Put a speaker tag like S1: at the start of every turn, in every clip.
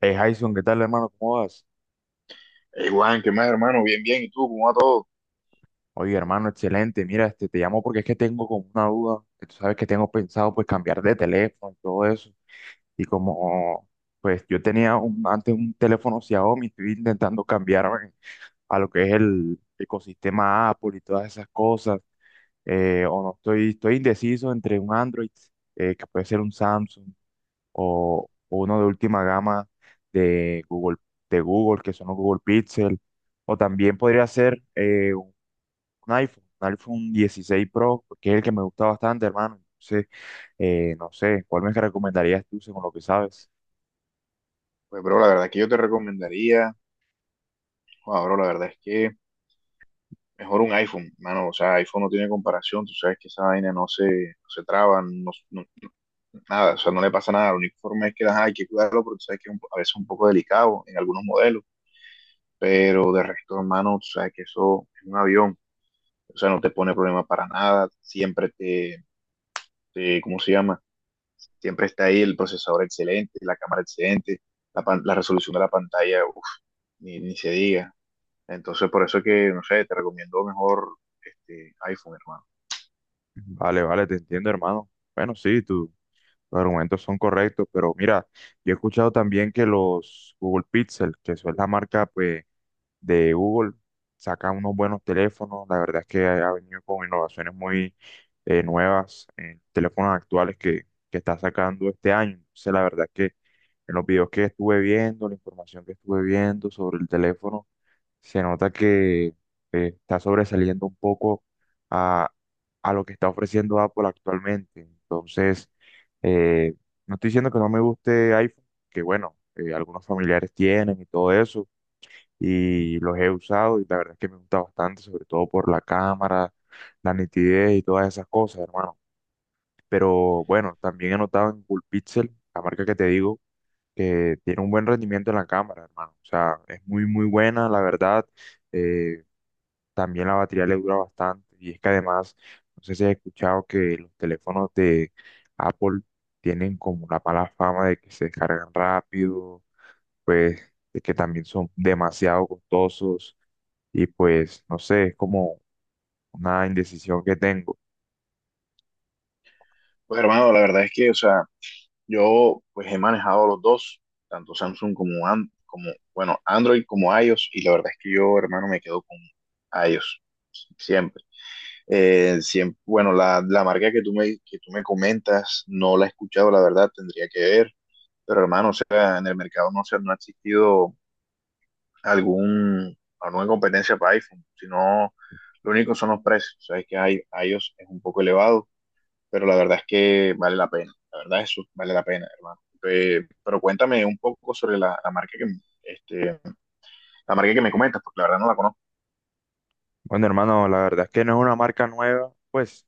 S1: Jason, ¿qué tal, hermano? ¿Cómo vas?
S2: Igual, Juan, ¿qué más, hermano? Bien, bien. ¿Y tú? ¿Cómo va todo?
S1: Oye, hermano, excelente. Mira, te llamo porque es que tengo como una duda. Que Tú sabes que tengo pensado, pues, cambiar de teléfono y todo eso. Y como, pues, yo tenía antes un teléfono Xiaomi, estoy intentando cambiarme a lo que es el ecosistema Apple y todas esas cosas. O no, estoy indeciso entre un Android, que puede ser un Samsung, o uno de última gama de Google, de Google, que son los Google Pixel, o también podría ser un iPhone 16 Pro, que es el que me gusta bastante, hermano. Entonces, no sé, ¿cuál me recomendarías tú según lo que sabes?
S2: Pues, bro, la verdad es que yo te recomendaría, joder, bro, la verdad es que mejor un iPhone, mano. O sea, iPhone no tiene comparación. Tú sabes que esa vaina no se traba, nada. O sea, no le pasa nada. La única forma es que ajá, hay que cuidarlo porque tú sabes que es a veces es un poco delicado en algunos modelos. Pero de resto, hermano, tú sabes que eso es un avión. O sea, no te pone problema para nada. Siempre te ¿cómo se llama? Siempre está ahí el procesador excelente, la cámara excelente, la, la resolución de la pantalla, uf, ni se diga. Entonces, por eso es que, no sé, te recomiendo mejor este iPhone, hermano.
S1: Vale, vale, te entiendo, hermano. Bueno, sí, tú. Los argumentos son correctos, pero mira, yo he escuchado también que los Google Pixel, que eso es la marca, pues, de Google saca unos buenos teléfonos. La verdad es que ha venido con innovaciones muy nuevas en teléfonos actuales que está sacando este año. Entonces, la verdad es que en los videos que estuve viendo, la información que estuve viendo sobre el teléfono, se nota que está sobresaliendo un poco a, a lo que está ofreciendo Apple actualmente. Entonces, eh, no estoy diciendo que no me guste iPhone, que bueno, algunos familiares tienen y todo eso y los he usado y la verdad es que me gusta bastante, sobre todo por la cámara, la nitidez y todas esas cosas, hermano. Pero bueno, también he notado en Coolpixel, la marca que te digo, que tiene un buen rendimiento en la cámara, hermano. O sea, es muy, muy buena, la verdad. Eh, también la batería le dura bastante y es que además, no sé si has escuchado que los teléfonos de Apple tienen como la mala fama de que se descargan rápido, pues de que también son demasiado costosos y pues no sé, es como una indecisión que tengo.
S2: Pues, hermano, la verdad es que, o sea, yo pues he manejado los dos, tanto Samsung como, como bueno, Android como iOS, y la verdad es que yo, hermano, me quedo con iOS, siempre. Siempre, bueno, la marca que tú me comentas no la he escuchado, la verdad, tendría que ver. Pero hermano, o sea, en el mercado no ha existido alguna competencia para iPhone, sino lo único son los precios. Sabes que hay, iOS es un poco elevado, pero la verdad es que vale la pena. La verdad eso vale la pena, hermano. Pero cuéntame un poco sobre la marca que, este, la marca que me comentas, porque la verdad no la conozco.
S1: Bueno, hermano, la verdad es que no es una marca nueva, pues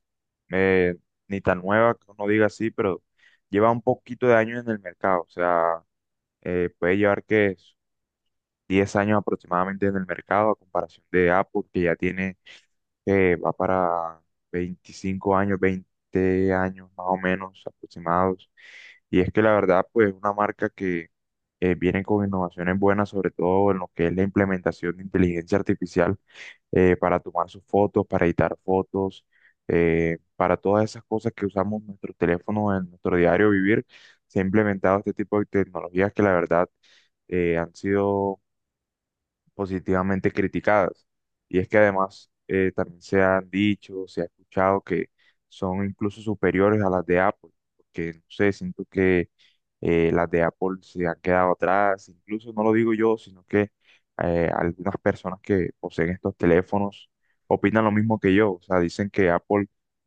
S1: eh, ni tan nueva que uno diga así, pero lleva un poquito de años en el mercado, o sea, puede llevar que 10 años aproximadamente en el mercado a comparación de Apple, que ya tiene, va para 25 años, 20 años más o menos aproximados. Y es que la verdad, pues es una marca que viene con innovaciones buenas, sobre todo en lo que es la implementación de inteligencia artificial para tomar sus fotos, para editar fotos, para todas esas cosas que usamos nuestros teléfonos en nuestro diario vivir, se ha implementado este tipo de tecnologías que la verdad han sido positivamente criticadas. Y es que además también se han dicho, se ha escuchado que son incluso superiores a las de Apple, porque no sé, siento que las de Apple se han quedado atrás, incluso no lo digo yo, sino que algunas personas que poseen estos teléfonos opinan lo mismo que yo, o sea, dicen que Apple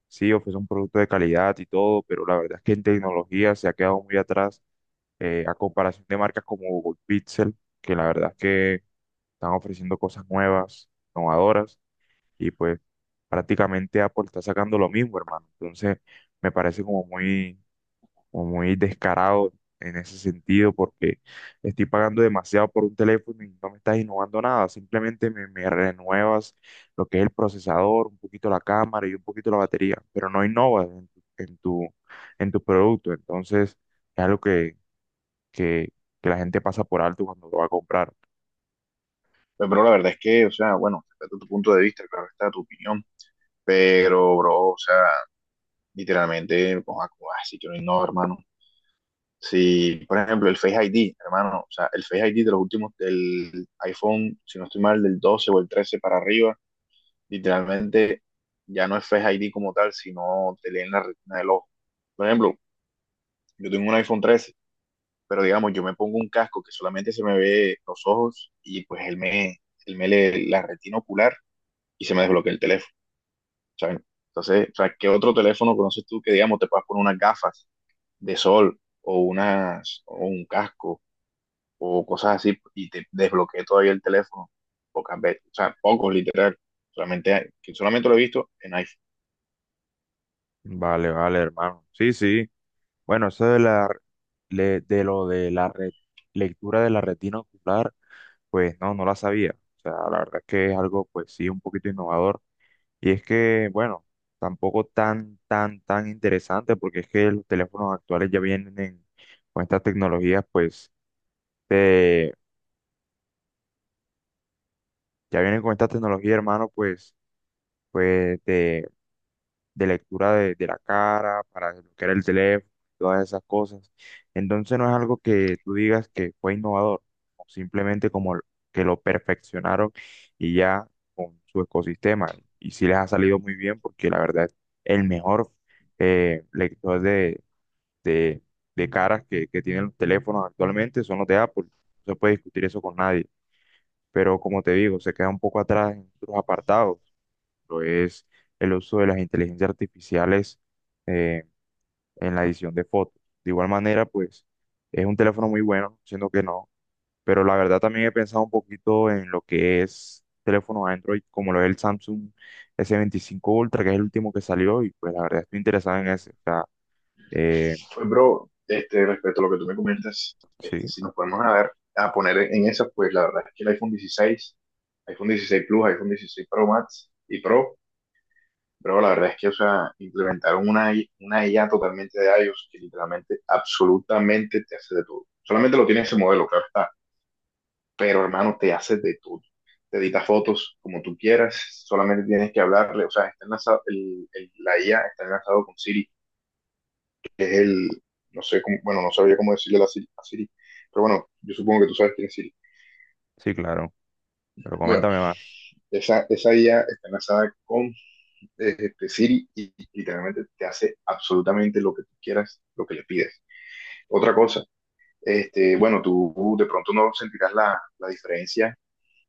S1: sí ofrece un producto de calidad y todo, pero la verdad es que en tecnología se ha quedado muy atrás a comparación de marcas como Google Pixel, que la verdad es que están ofreciendo cosas nuevas, innovadoras, y pues prácticamente Apple está sacando lo mismo, hermano. Entonces, me parece como muy descarado en ese sentido, porque estoy pagando demasiado por un teléfono y no me estás innovando nada, simplemente me renuevas lo que es el procesador, un poquito la cámara y un poquito la batería, pero no innovas en tu, en tu, en tu producto. Entonces, es algo que, que la gente pasa por alto cuando lo va a comprar.
S2: Pero, bro, la verdad es que, o sea, bueno, respeto tu punto de vista, claro está tu opinión, pero, bro, o sea, literalmente, pues, así que no, hermano. Si, por ejemplo, el Face ID, hermano, o sea, el Face ID de los últimos del iPhone, si no estoy mal, del 12 o el 13 para arriba, literalmente ya no es Face ID como tal, sino te leen la retina del ojo. Por ejemplo, yo tengo un iPhone 13, pero digamos, yo me pongo un casco que solamente se me ve los ojos y pues él me lee la retina ocular y se me desbloquea el teléfono, ¿saben? Entonces, o sea, ¿qué otro teléfono conoces tú que, digamos, te puedas poner unas gafas de sol o, unas, o un casco o cosas así, y te desbloqueé todavía el teléfono, pocas veces, o sea, pocos literal, que solamente lo he visto en iPhone.
S1: Vale, vale, hermano. Sí, sí. Bueno, eso de la de lo de la lectura de la retina ocular, pues no, no la sabía. O sea, la verdad es que es algo, pues sí, un poquito innovador. Y es que, bueno, tampoco tan, tan, tan interesante, porque es que los teléfonos actuales ya vienen con estas tecnologías, pues, de, ya vienen con estas tecnologías, hermano, pues, pues, de lectura de la cara, para desbloquear el teléfono, todas esas cosas. Entonces no es algo que tú digas que fue innovador, o simplemente que lo perfeccionaron y ya con su ecosistema. Y sí les ha salido muy bien porque la verdad es el mejor lector de, de caras que tienen los teléfonos actualmente son los de Apple. No se puede discutir eso con nadie. Pero como te digo, se queda un poco atrás en otros apartados ejemplo, es el uso de las inteligencias artificiales eh, en la edición de fotos. De igual manera, pues es un teléfono muy bueno, siendo que no, pero la verdad también he pensado un poquito en lo que es teléfono Android, como lo es el Samsung S25 Ultra, que es el último que salió, y pues la verdad estoy interesado en ese. O sea, eh,
S2: Pues, bro, respecto a lo que tú me comentas,
S1: sí,
S2: si nos podemos a ver, a poner en esas, pues la verdad es que el iPhone 16, iPhone 16 Plus, iPhone 16 Pro Max y Pro, pero la verdad es que, o sea, implementaron una, una IA totalmente de iOS que literalmente, absolutamente te hace de todo. Solamente lo tiene ese modelo, claro está, pero hermano, te haces de todo. Te editas fotos como tú quieras, solamente tienes que hablarle, o sea, está enlazado, la IA está enlazado con Siri, que es el, no sé cómo, bueno, no sabría cómo decirle la Siri, a Siri, pero bueno, yo supongo que tú sabes quién es Siri.
S1: sí, claro, pero
S2: Bueno,
S1: coméntame más.
S2: esa IA está enlazada con Siri y literalmente te hace absolutamente lo que tú quieras, lo que le pides. Otra cosa, bueno, tú de pronto no sentirás la diferencia,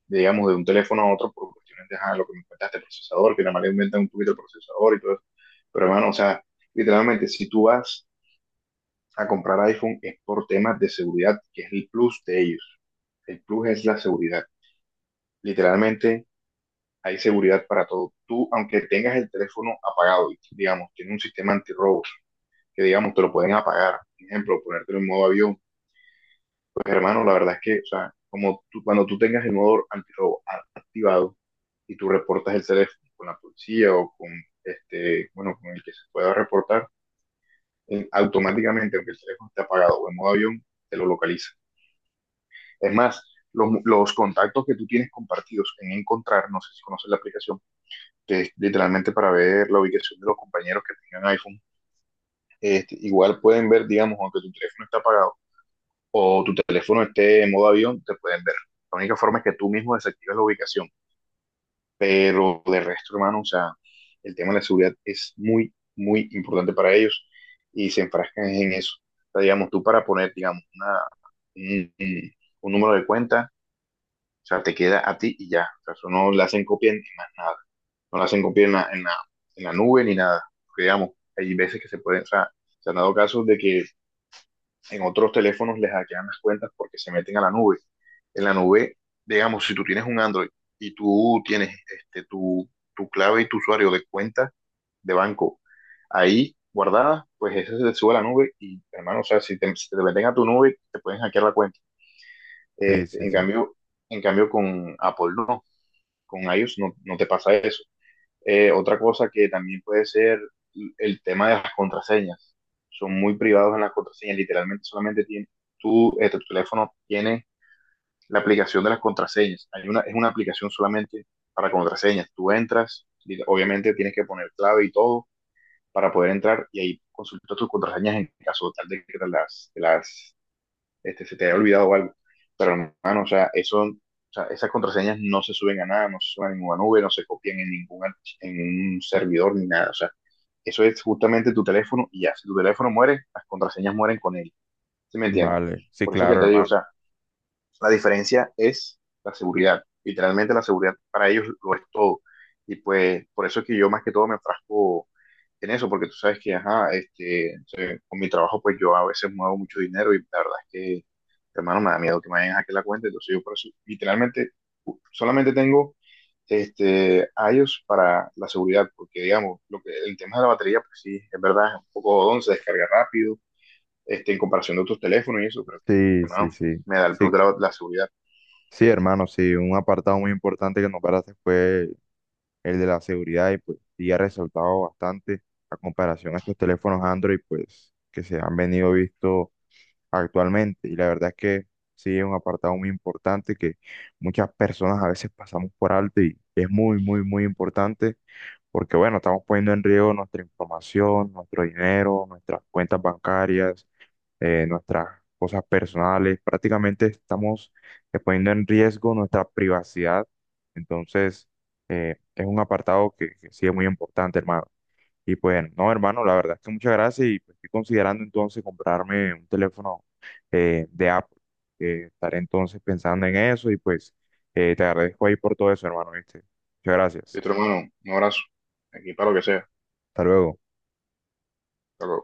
S2: digamos, de un teléfono a otro por cuestiones de ajá, lo que me cuentaste, el procesador, que nada más le inventan un poquito el procesador y todo eso. Pero hermano, o sea, literalmente, si tú vas a comprar iPhone es por temas de seguridad, que es el plus de ellos. El plus es la seguridad. Literalmente, hay seguridad para todo. Tú, aunque tengas el teléfono apagado, y, digamos, tiene un sistema antirrobo, que digamos, te lo pueden apagar. Por ejemplo, ponértelo en modo avión. Pues hermano, la verdad es que, o sea, como cuando tú tengas el modo antirrobo activado y tú reportas el teléfono con la policía o con bueno, con el que se pueda reportar, automáticamente, aunque el teléfono esté apagado o en modo avión, te lo localiza. Es más, los, los contactos que tú tienes compartidos en Encontrar, no sé si conoces la aplicación, que es literalmente para ver la ubicación de los compañeros que tengan iPhone, igual pueden ver, digamos, aunque tu teléfono está apagado o tu teléfono esté en modo avión, te pueden ver. La única forma es que tú mismo desactives la ubicación. Pero de resto, hermano, o sea, el tema de la seguridad es muy, muy importante para ellos y se enfrascan en eso. O sea, digamos, tú para poner, digamos, una, un un número de cuenta, o sea, te queda a ti y ya. O sea, eso no le hacen copia ni más nada. No le hacen copia en en la nube ni nada. Porque, digamos, hay veces que se pueden, o sea, se han dado casos de que en otros teléfonos les hackean las cuentas porque se meten a la nube. En la nube, digamos, si tú tienes un Android y tú tienes tu, tu clave y tu usuario de cuenta de banco ahí guardada, pues ese se te sube a la nube y, hermano, o sea, si te meten a tu nube, te pueden hackear la cuenta.
S1: Sí, sí,
S2: Este, en
S1: sí.
S2: cambio, en cambio, con Apple no, con iOS no, no te pasa eso. Otra cosa que también puede ser el tema de las contraseñas. Son muy privados en las contraseñas, literalmente solamente tiene, tu teléfono tiene la aplicación de las contraseñas. Hay una, es una aplicación solamente para contraseñas. Tú entras, y obviamente tienes que poner clave y todo para poder entrar y ahí consultas tus contraseñas en caso tal de que te las se te haya olvidado algo. Pero hermano, o sea, eso, o sea, esas contraseñas no se suben a nada, no se suben a ninguna nube, no se copian en en un servidor ni nada. O sea, eso es justamente tu teléfono y ya, si tu teléfono muere, las contraseñas mueren con él. ¿Sí me entiendes?
S1: Vale, sí,
S2: Por eso que
S1: claro,
S2: te digo, o
S1: hermano.
S2: sea, la diferencia es la seguridad. Literalmente la seguridad para ellos lo es todo. Y pues por eso es que yo más que todo me enfrasco en eso, porque tú sabes que, ajá, con mi trabajo pues yo a veces muevo mucho dinero y la verdad es que, hermano, me da miedo que me vayan a hackear la cuenta. Entonces yo por eso literalmente solamente tengo a ellos para la seguridad, porque digamos, lo que, el tema de la batería, pues sí, es verdad, es un poco don, se descarga rápido, en comparación de otros teléfonos y eso, pero
S1: Sí, sí,
S2: hermano,
S1: sí.
S2: me da el
S1: Sí,
S2: plus de la seguridad.
S1: sí, hermano, sí, un apartado muy importante que nombraste fue el de la seguridad y pues sí ha resaltado bastante a comparación a estos teléfonos Android pues que se han venido visto actualmente y la verdad es que sí es un apartado muy importante que muchas personas a veces pasamos por alto y es muy muy muy importante porque bueno, estamos poniendo en riesgo nuestra información, nuestro dinero, nuestras cuentas bancarias nuestras cosas personales, prácticamente estamos poniendo en riesgo nuestra privacidad. Entonces, es un apartado que sí es muy importante, hermano. Y pues, no, hermano, la verdad es que muchas gracias y pues, estoy considerando entonces comprarme un teléfono de Apple. Estaré entonces pensando en eso y pues te agradezco ahí por todo eso, hermano, ¿viste? Muchas
S2: Y
S1: gracias.
S2: otro hermano, un abrazo, aquí para lo que sea.
S1: Hasta luego.
S2: Hasta luego.